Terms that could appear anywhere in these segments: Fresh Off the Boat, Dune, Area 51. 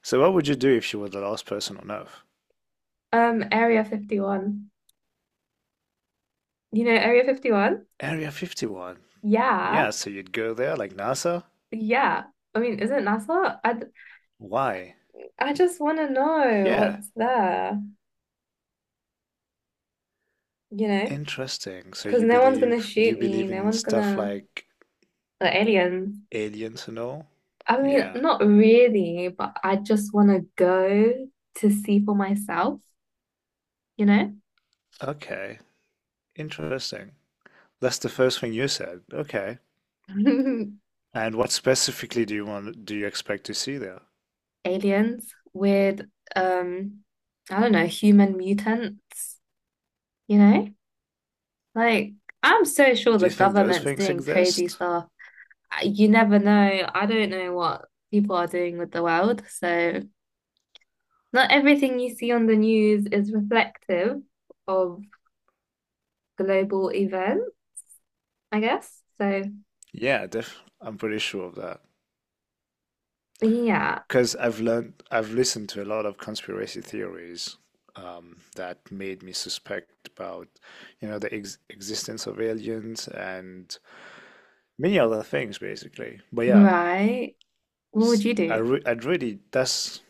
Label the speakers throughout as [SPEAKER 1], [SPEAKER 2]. [SPEAKER 1] So what would you do if you were the last person on Earth?
[SPEAKER 2] Area 51. You know Area 51?
[SPEAKER 1] Area 51. Yeah,
[SPEAKER 2] Yeah.
[SPEAKER 1] so you'd go there like NASA?
[SPEAKER 2] Yeah. I mean, is it NASA?
[SPEAKER 1] Why?
[SPEAKER 2] I just want to know
[SPEAKER 1] Yeah,
[SPEAKER 2] what's there, you know?
[SPEAKER 1] interesting. So
[SPEAKER 2] Because
[SPEAKER 1] you
[SPEAKER 2] no one's gonna
[SPEAKER 1] believe, do you
[SPEAKER 2] shoot me,
[SPEAKER 1] believe
[SPEAKER 2] no
[SPEAKER 1] in
[SPEAKER 2] one's
[SPEAKER 1] stuff
[SPEAKER 2] gonna,
[SPEAKER 1] like
[SPEAKER 2] the aliens.
[SPEAKER 1] aliens and all?
[SPEAKER 2] I mean,
[SPEAKER 1] Yeah.
[SPEAKER 2] not really, but I just want to go to see for myself, you know?
[SPEAKER 1] Okay. Interesting. That's the first thing you said. Okay. And what specifically do you want, do you expect to see there?
[SPEAKER 2] Aliens with, um, I don't know, human mutants, you know? Like, I'm so sure
[SPEAKER 1] Do
[SPEAKER 2] the
[SPEAKER 1] you think those
[SPEAKER 2] government's
[SPEAKER 1] things
[SPEAKER 2] doing crazy
[SPEAKER 1] exist?
[SPEAKER 2] stuff you never know. I don't know what people are doing with the world. So, not everything you see on the news is reflective of global events, I guess. So,
[SPEAKER 1] Yeah, def I'm pretty sure of that.
[SPEAKER 2] yeah,
[SPEAKER 1] I've listened to a lot of conspiracy theories that made me suspect about, you know, the ex existence of aliens and many other things, basically. But yeah,
[SPEAKER 2] right. What
[SPEAKER 1] it's,
[SPEAKER 2] would you
[SPEAKER 1] I
[SPEAKER 2] do?
[SPEAKER 1] re I'd really,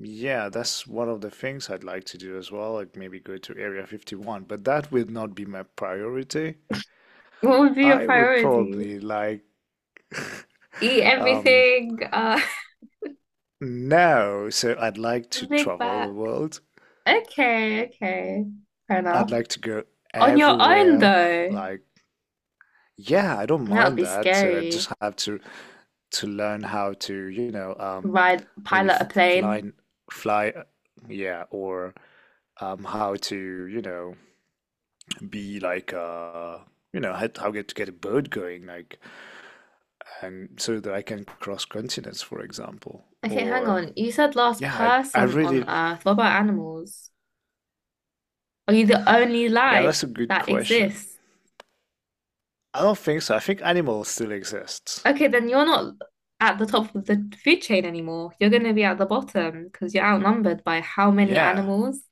[SPEAKER 1] yeah, that's one of the things I'd like to do as well. Like maybe go to Area 51, but that would not be my priority.
[SPEAKER 2] What would be your
[SPEAKER 1] I would
[SPEAKER 2] priority?
[SPEAKER 1] probably like,
[SPEAKER 2] Eat
[SPEAKER 1] um,
[SPEAKER 2] everything,
[SPEAKER 1] no, so I'd like to
[SPEAKER 2] big
[SPEAKER 1] travel the
[SPEAKER 2] back.
[SPEAKER 1] world.
[SPEAKER 2] Okay, okay. Fair
[SPEAKER 1] I'd
[SPEAKER 2] enough.
[SPEAKER 1] like to go
[SPEAKER 2] On your own,
[SPEAKER 1] everywhere.
[SPEAKER 2] though,
[SPEAKER 1] Like, yeah, I don't
[SPEAKER 2] that would
[SPEAKER 1] mind
[SPEAKER 2] be
[SPEAKER 1] that. So I
[SPEAKER 2] scary.
[SPEAKER 1] just have to learn how to, you know,
[SPEAKER 2] Ride,
[SPEAKER 1] maybe
[SPEAKER 2] pilot a
[SPEAKER 1] f- fly,
[SPEAKER 2] plane.
[SPEAKER 1] fly, uh, yeah, or how to, you know, be like, uh, you know, how get to get a boat going, like, and so that I can cross continents, for example.
[SPEAKER 2] Okay, hang on. You said last
[SPEAKER 1] Yeah, I
[SPEAKER 2] person on
[SPEAKER 1] really,
[SPEAKER 2] Earth. What about animals? Are you the only
[SPEAKER 1] yeah,
[SPEAKER 2] life
[SPEAKER 1] that's a good
[SPEAKER 2] that
[SPEAKER 1] question.
[SPEAKER 2] exists?
[SPEAKER 1] I don't think so. I think animals still exist.
[SPEAKER 2] Okay, then you're not at the top of the food chain anymore. You're going to be at the bottom because you're outnumbered by how many
[SPEAKER 1] Yeah,
[SPEAKER 2] animals?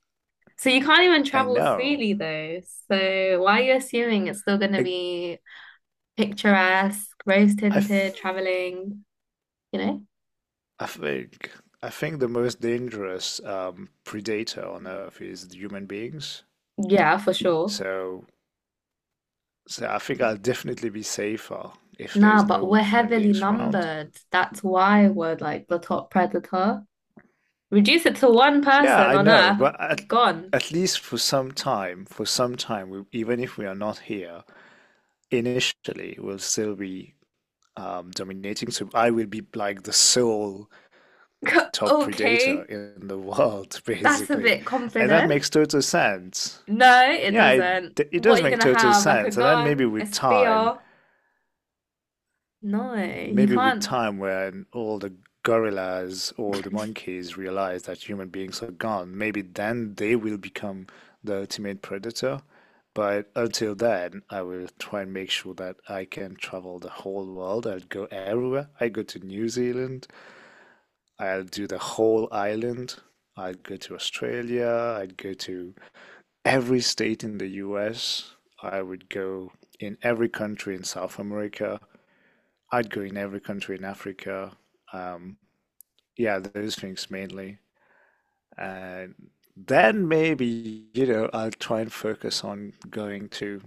[SPEAKER 2] So you can't even
[SPEAKER 1] I
[SPEAKER 2] travel
[SPEAKER 1] know.
[SPEAKER 2] freely, though. So why are you assuming it's still going to
[SPEAKER 1] I,
[SPEAKER 2] be picturesque,
[SPEAKER 1] I, f-
[SPEAKER 2] rose-tinted traveling, you know?
[SPEAKER 1] I think the most dangerous predator on Earth is the human beings.
[SPEAKER 2] Yeah, for sure.
[SPEAKER 1] So so I think I'll definitely be safer if
[SPEAKER 2] Nah,
[SPEAKER 1] there's
[SPEAKER 2] but
[SPEAKER 1] no
[SPEAKER 2] we're
[SPEAKER 1] human
[SPEAKER 2] heavily
[SPEAKER 1] beings around.
[SPEAKER 2] numbered. That's why we're like the top predator. Reduce it to one
[SPEAKER 1] Yeah,
[SPEAKER 2] person
[SPEAKER 1] I
[SPEAKER 2] on
[SPEAKER 1] know,
[SPEAKER 2] Earth,
[SPEAKER 1] but
[SPEAKER 2] gone.
[SPEAKER 1] at least for some time, even if we are not here initially, we'll still be dominating. So I will be like the sole top predator
[SPEAKER 2] Okay,
[SPEAKER 1] in the world,
[SPEAKER 2] that's a
[SPEAKER 1] basically,
[SPEAKER 2] bit
[SPEAKER 1] and that
[SPEAKER 2] confident.
[SPEAKER 1] makes total sense.
[SPEAKER 2] No, it
[SPEAKER 1] Yeah,
[SPEAKER 2] doesn't.
[SPEAKER 1] it
[SPEAKER 2] What
[SPEAKER 1] does
[SPEAKER 2] are you
[SPEAKER 1] make
[SPEAKER 2] gonna
[SPEAKER 1] total
[SPEAKER 2] have? Like a
[SPEAKER 1] sense. And then
[SPEAKER 2] gun, a spear? No, you
[SPEAKER 1] maybe with
[SPEAKER 2] can't.
[SPEAKER 1] time when all the gorillas or the monkeys realize that human beings are gone, maybe then they will become the ultimate predator. But until then, I will try and make sure that I can travel the whole world. I'll go everywhere. I go to New Zealand. I'll do the whole island. I'd go to Australia. I'd go to every state in the US. I would go in every country in South America. I'd go in every country in Africa. Um, yeah, those things mainly. And then maybe, you know, I'll try and focus on going to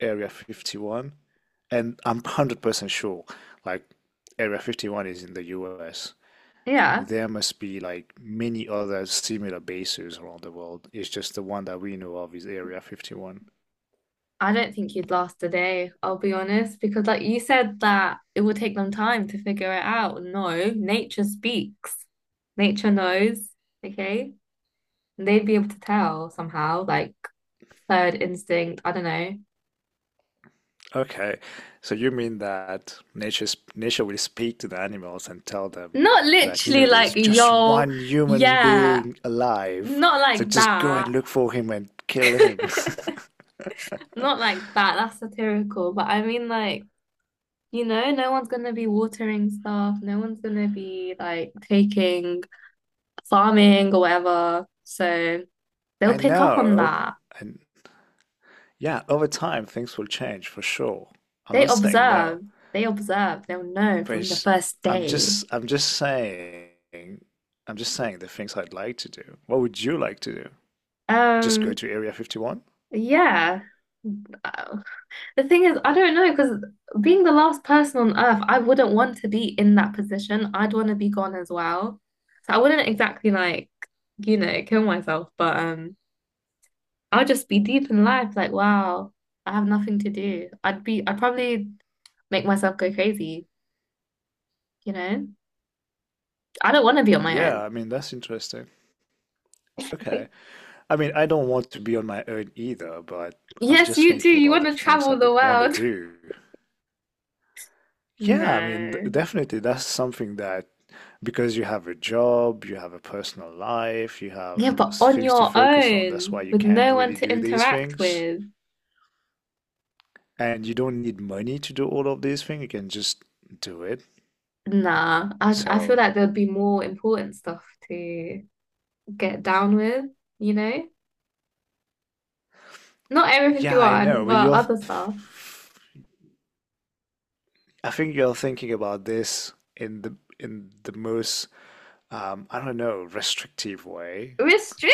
[SPEAKER 1] Area 51. And I'm 100% sure, like, Area 51 is in the US.
[SPEAKER 2] Yeah,
[SPEAKER 1] There must be like many other similar bases around the world. It's just the one that we know of is Area 51.
[SPEAKER 2] I don't think you'd last a day, I'll be honest, because like you said that it would take them time to figure it out. No, nature speaks. Nature knows, okay? And they'd be able to tell somehow, like third instinct, I don't know.
[SPEAKER 1] Okay, so you mean that nature will speak to the animals and tell them
[SPEAKER 2] Not
[SPEAKER 1] that you
[SPEAKER 2] literally
[SPEAKER 1] know
[SPEAKER 2] like,
[SPEAKER 1] there's just
[SPEAKER 2] yo,
[SPEAKER 1] one human
[SPEAKER 2] yeah,
[SPEAKER 1] being alive,
[SPEAKER 2] not
[SPEAKER 1] so
[SPEAKER 2] like
[SPEAKER 1] just go and
[SPEAKER 2] that.
[SPEAKER 1] look for him and kill him.
[SPEAKER 2] Not like that, that's satirical. But I mean, like, you know, no one's gonna be watering stuff, no one's gonna be like taking farming or whatever. So they'll
[SPEAKER 1] I
[SPEAKER 2] pick up on
[SPEAKER 1] know,
[SPEAKER 2] that.
[SPEAKER 1] and yeah, over time things will change for sure. I'm
[SPEAKER 2] They
[SPEAKER 1] not saying no,
[SPEAKER 2] observe, they'll know
[SPEAKER 1] but
[SPEAKER 2] from the
[SPEAKER 1] it's-
[SPEAKER 2] first
[SPEAKER 1] I'm just
[SPEAKER 2] day.
[SPEAKER 1] I'm just saying I'm just saying the things I'd like to do. What would you like to do? Just go
[SPEAKER 2] Um,
[SPEAKER 1] to Area 51?
[SPEAKER 2] yeah. Uh, the thing is, I don't know because being the last person on earth, I wouldn't want to be in that position. I'd want to be gone as well. So I wouldn't exactly like, you know, kill myself, but I'll just be deep in life. Like, wow, I have nothing to do. I'd probably make myself go crazy. You know, I don't want to be on my
[SPEAKER 1] Yeah,
[SPEAKER 2] own.
[SPEAKER 1] I mean that's interesting. Okay. I mean, I don't want to be on my own either, but I'm
[SPEAKER 2] Yes,
[SPEAKER 1] just
[SPEAKER 2] you do.
[SPEAKER 1] thinking
[SPEAKER 2] You
[SPEAKER 1] about
[SPEAKER 2] want
[SPEAKER 1] the
[SPEAKER 2] to
[SPEAKER 1] things I
[SPEAKER 2] travel the
[SPEAKER 1] would want to
[SPEAKER 2] world.
[SPEAKER 1] do.
[SPEAKER 2] No.
[SPEAKER 1] Definitely that's something that because you have a job, you have a personal life, you
[SPEAKER 2] Yeah,
[SPEAKER 1] have
[SPEAKER 2] but on
[SPEAKER 1] things to
[SPEAKER 2] your
[SPEAKER 1] focus on. That's why
[SPEAKER 2] own
[SPEAKER 1] you
[SPEAKER 2] with
[SPEAKER 1] can't
[SPEAKER 2] no one
[SPEAKER 1] really
[SPEAKER 2] to
[SPEAKER 1] do these
[SPEAKER 2] interact
[SPEAKER 1] things.
[SPEAKER 2] with.
[SPEAKER 1] And you don't need money to do all of these things. You can just do it.
[SPEAKER 2] Nah, I feel
[SPEAKER 1] So,
[SPEAKER 2] like there'd be more important stuff to get down with, you know? Not Area
[SPEAKER 1] yeah, I know,
[SPEAKER 2] 51, but other stuff.
[SPEAKER 1] I think you're thinking about this in the most, I don't know, restrictive way.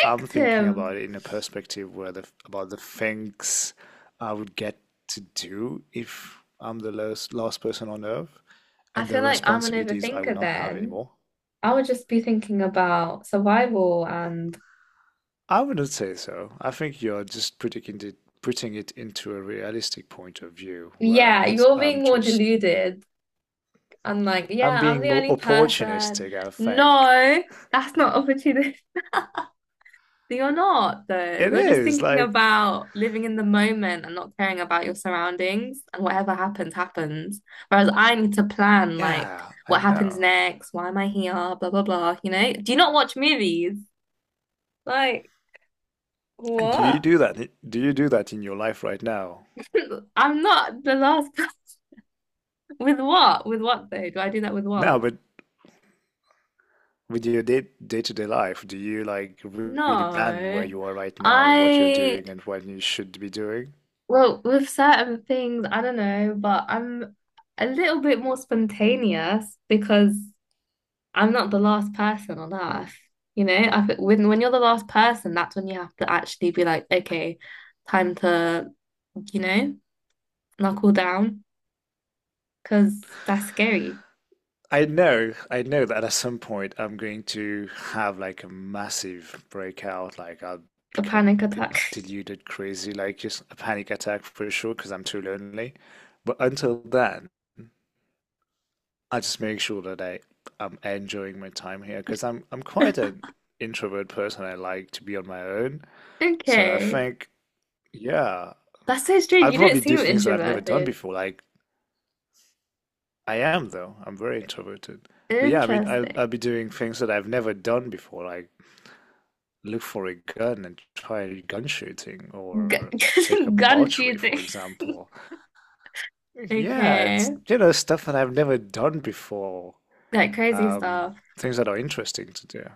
[SPEAKER 1] I'm thinking about
[SPEAKER 2] him.
[SPEAKER 1] it in a perspective where the about the things I would get to do if I'm the last person on earth
[SPEAKER 2] I
[SPEAKER 1] and the
[SPEAKER 2] feel like I'm an
[SPEAKER 1] responsibilities I would
[SPEAKER 2] overthinker
[SPEAKER 1] not have
[SPEAKER 2] then.
[SPEAKER 1] anymore.
[SPEAKER 2] I would just be thinking about survival and
[SPEAKER 1] I wouldn't say so. I think you're just putting it into a realistic point of view where
[SPEAKER 2] yeah,
[SPEAKER 1] I'm as
[SPEAKER 2] you're
[SPEAKER 1] I'm
[SPEAKER 2] being more
[SPEAKER 1] just
[SPEAKER 2] deluded. I'm like, yeah,
[SPEAKER 1] I'm
[SPEAKER 2] I'm
[SPEAKER 1] being
[SPEAKER 2] the
[SPEAKER 1] more
[SPEAKER 2] only person.
[SPEAKER 1] opportunistic, I think.
[SPEAKER 2] No, that's not opportunity. You're not, though.
[SPEAKER 1] It
[SPEAKER 2] You're just
[SPEAKER 1] is
[SPEAKER 2] thinking
[SPEAKER 1] like,
[SPEAKER 2] about living in the moment and not caring about your surroundings, and whatever happens, happens. Whereas I need to plan, like,
[SPEAKER 1] yeah, I
[SPEAKER 2] what happens
[SPEAKER 1] know.
[SPEAKER 2] next? Why am I here? Blah, blah, blah. You know? Do you not watch movies? Like,
[SPEAKER 1] Do you
[SPEAKER 2] what?
[SPEAKER 1] do that? Do you do that in your life right now?
[SPEAKER 2] I'm not the last person. With what? With what, though? Do I do that with
[SPEAKER 1] No,
[SPEAKER 2] what?
[SPEAKER 1] but with your day-to-day life, do you like really plan where
[SPEAKER 2] No.
[SPEAKER 1] you are right now and what you're
[SPEAKER 2] I,
[SPEAKER 1] doing and what you should be doing?
[SPEAKER 2] well, with certain things, I don't know, but I'm a little bit more spontaneous because. I'm not the last person on earth. You know, I, think when you're the last person, that's when you have to actually be like, okay, time to, you know, knuckle down because that's scary.
[SPEAKER 1] I know that at some point I'm going to have like a massive breakout, like I'll
[SPEAKER 2] A
[SPEAKER 1] become
[SPEAKER 2] panic
[SPEAKER 1] a bit
[SPEAKER 2] attack.
[SPEAKER 1] deluded, crazy, like just a panic attack for sure because I'm too lonely. But until then, I just make sure that I'm enjoying my time here because I'm quite an introvert person. I like to be on my own. So I
[SPEAKER 2] Okay.
[SPEAKER 1] think, yeah,
[SPEAKER 2] That's so strange.
[SPEAKER 1] I'll
[SPEAKER 2] You don't
[SPEAKER 1] probably do
[SPEAKER 2] seem
[SPEAKER 1] things that I've never done
[SPEAKER 2] introverted.
[SPEAKER 1] before. Like I am though. I'm very introverted. But yeah, I mean,
[SPEAKER 2] Interesting.
[SPEAKER 1] I'll be doing things that I've never done before, like look for a gun and try gun shooting or take up
[SPEAKER 2] Gu- gun
[SPEAKER 1] archery, for
[SPEAKER 2] shooting.
[SPEAKER 1] example. Yeah, it's
[SPEAKER 2] Okay.
[SPEAKER 1] you know stuff that I've never done before.
[SPEAKER 2] Like crazy
[SPEAKER 1] Um,
[SPEAKER 2] stuff.
[SPEAKER 1] things that are interesting to do.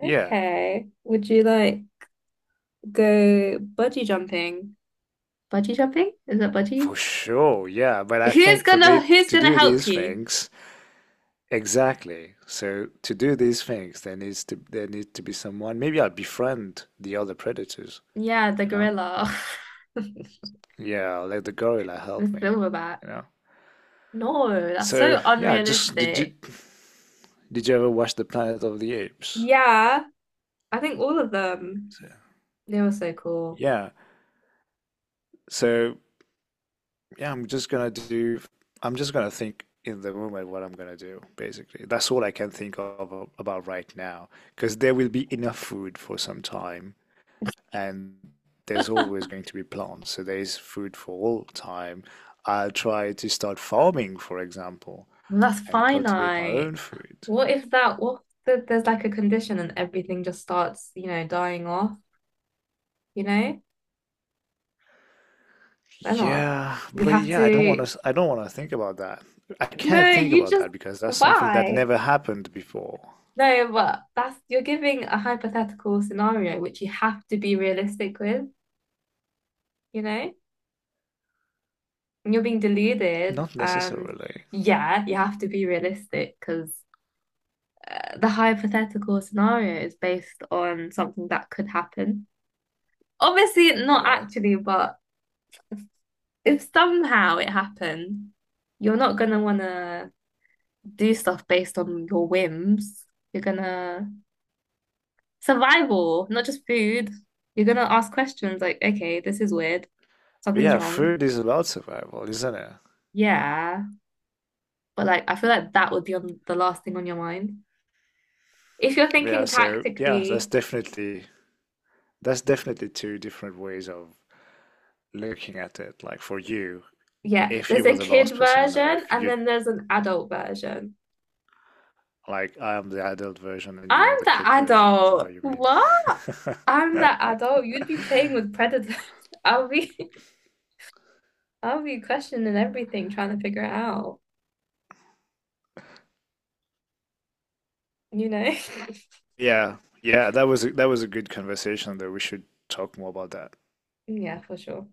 [SPEAKER 1] Yeah,
[SPEAKER 2] Okay. Would you like go bungee jumping? Bungee jumping? Is that bungee?
[SPEAKER 1] for sure. Yeah, but I
[SPEAKER 2] Who's
[SPEAKER 1] think for the
[SPEAKER 2] gonna who's
[SPEAKER 1] to
[SPEAKER 2] gonna
[SPEAKER 1] do
[SPEAKER 2] help
[SPEAKER 1] these
[SPEAKER 2] you?
[SPEAKER 1] things, exactly. So to do these things, there need to be someone. Maybe I'll befriend the other predators,
[SPEAKER 2] Yeah, the
[SPEAKER 1] you know?
[SPEAKER 2] gorilla.
[SPEAKER 1] Yeah, I'll let the gorilla
[SPEAKER 2] The
[SPEAKER 1] help me,
[SPEAKER 2] silverback.
[SPEAKER 1] you know?
[SPEAKER 2] No, that's
[SPEAKER 1] So
[SPEAKER 2] so
[SPEAKER 1] yeah, just
[SPEAKER 2] unrealistic.
[SPEAKER 1] did you ever watch The Planet of the Apes?
[SPEAKER 2] Yeah, I think all of them.
[SPEAKER 1] So,
[SPEAKER 2] They were so cool.
[SPEAKER 1] yeah. So yeah, I'm just gonna think in the moment what I'm gonna do, basically. That's all I can think of about right now, because there will be enough food for some time and there's always going to be plants, so there is food for all time. I'll try to start farming, for example,
[SPEAKER 2] That's
[SPEAKER 1] and cultivate my
[SPEAKER 2] finite.
[SPEAKER 1] own food.
[SPEAKER 2] What if there's like a condition and everything just starts, you know, dying off, you know? Then what? You'll have
[SPEAKER 1] Yeah,
[SPEAKER 2] to
[SPEAKER 1] I don't want to think about that. I
[SPEAKER 2] no,
[SPEAKER 1] can't think
[SPEAKER 2] you
[SPEAKER 1] about
[SPEAKER 2] just
[SPEAKER 1] that because that's something that
[SPEAKER 2] why?
[SPEAKER 1] never happened before.
[SPEAKER 2] No, but that's you're giving a hypothetical scenario which you have to be realistic with, you know? You're being deluded
[SPEAKER 1] Not
[SPEAKER 2] and
[SPEAKER 1] necessarily.
[SPEAKER 2] yeah you have to be realistic because the hypothetical scenario is based on something that could happen obviously not
[SPEAKER 1] Yeah.
[SPEAKER 2] actually but if somehow it happened you're not gonna wanna do stuff based on your whims you're gonna survival not just food you're gonna ask questions like okay this is weird
[SPEAKER 1] But
[SPEAKER 2] something's
[SPEAKER 1] yeah,
[SPEAKER 2] wrong
[SPEAKER 1] food is about survival, isn't it?
[SPEAKER 2] yeah but like I feel like that would be on the last thing on your mind. If you're thinking
[SPEAKER 1] Yeah,
[SPEAKER 2] tactically,
[SPEAKER 1] that's definitely two different ways of looking at it. Like for you,
[SPEAKER 2] yeah,
[SPEAKER 1] if
[SPEAKER 2] there's
[SPEAKER 1] you
[SPEAKER 2] a
[SPEAKER 1] were the
[SPEAKER 2] kid
[SPEAKER 1] last person on
[SPEAKER 2] version
[SPEAKER 1] Earth,
[SPEAKER 2] and
[SPEAKER 1] you'd
[SPEAKER 2] then there's an adult version.
[SPEAKER 1] like I am the adult version and
[SPEAKER 2] I'm
[SPEAKER 1] you're the
[SPEAKER 2] the
[SPEAKER 1] kid version. Is that
[SPEAKER 2] adult.
[SPEAKER 1] what you
[SPEAKER 2] What? I'm
[SPEAKER 1] mean?
[SPEAKER 2] the adult. You'd be playing with predators. I'll be I'll be questioning everything, trying to figure it out, you know?
[SPEAKER 1] Yeah, yeah, that was a good conversation though. We should talk more about that.
[SPEAKER 2] Yeah, for sure.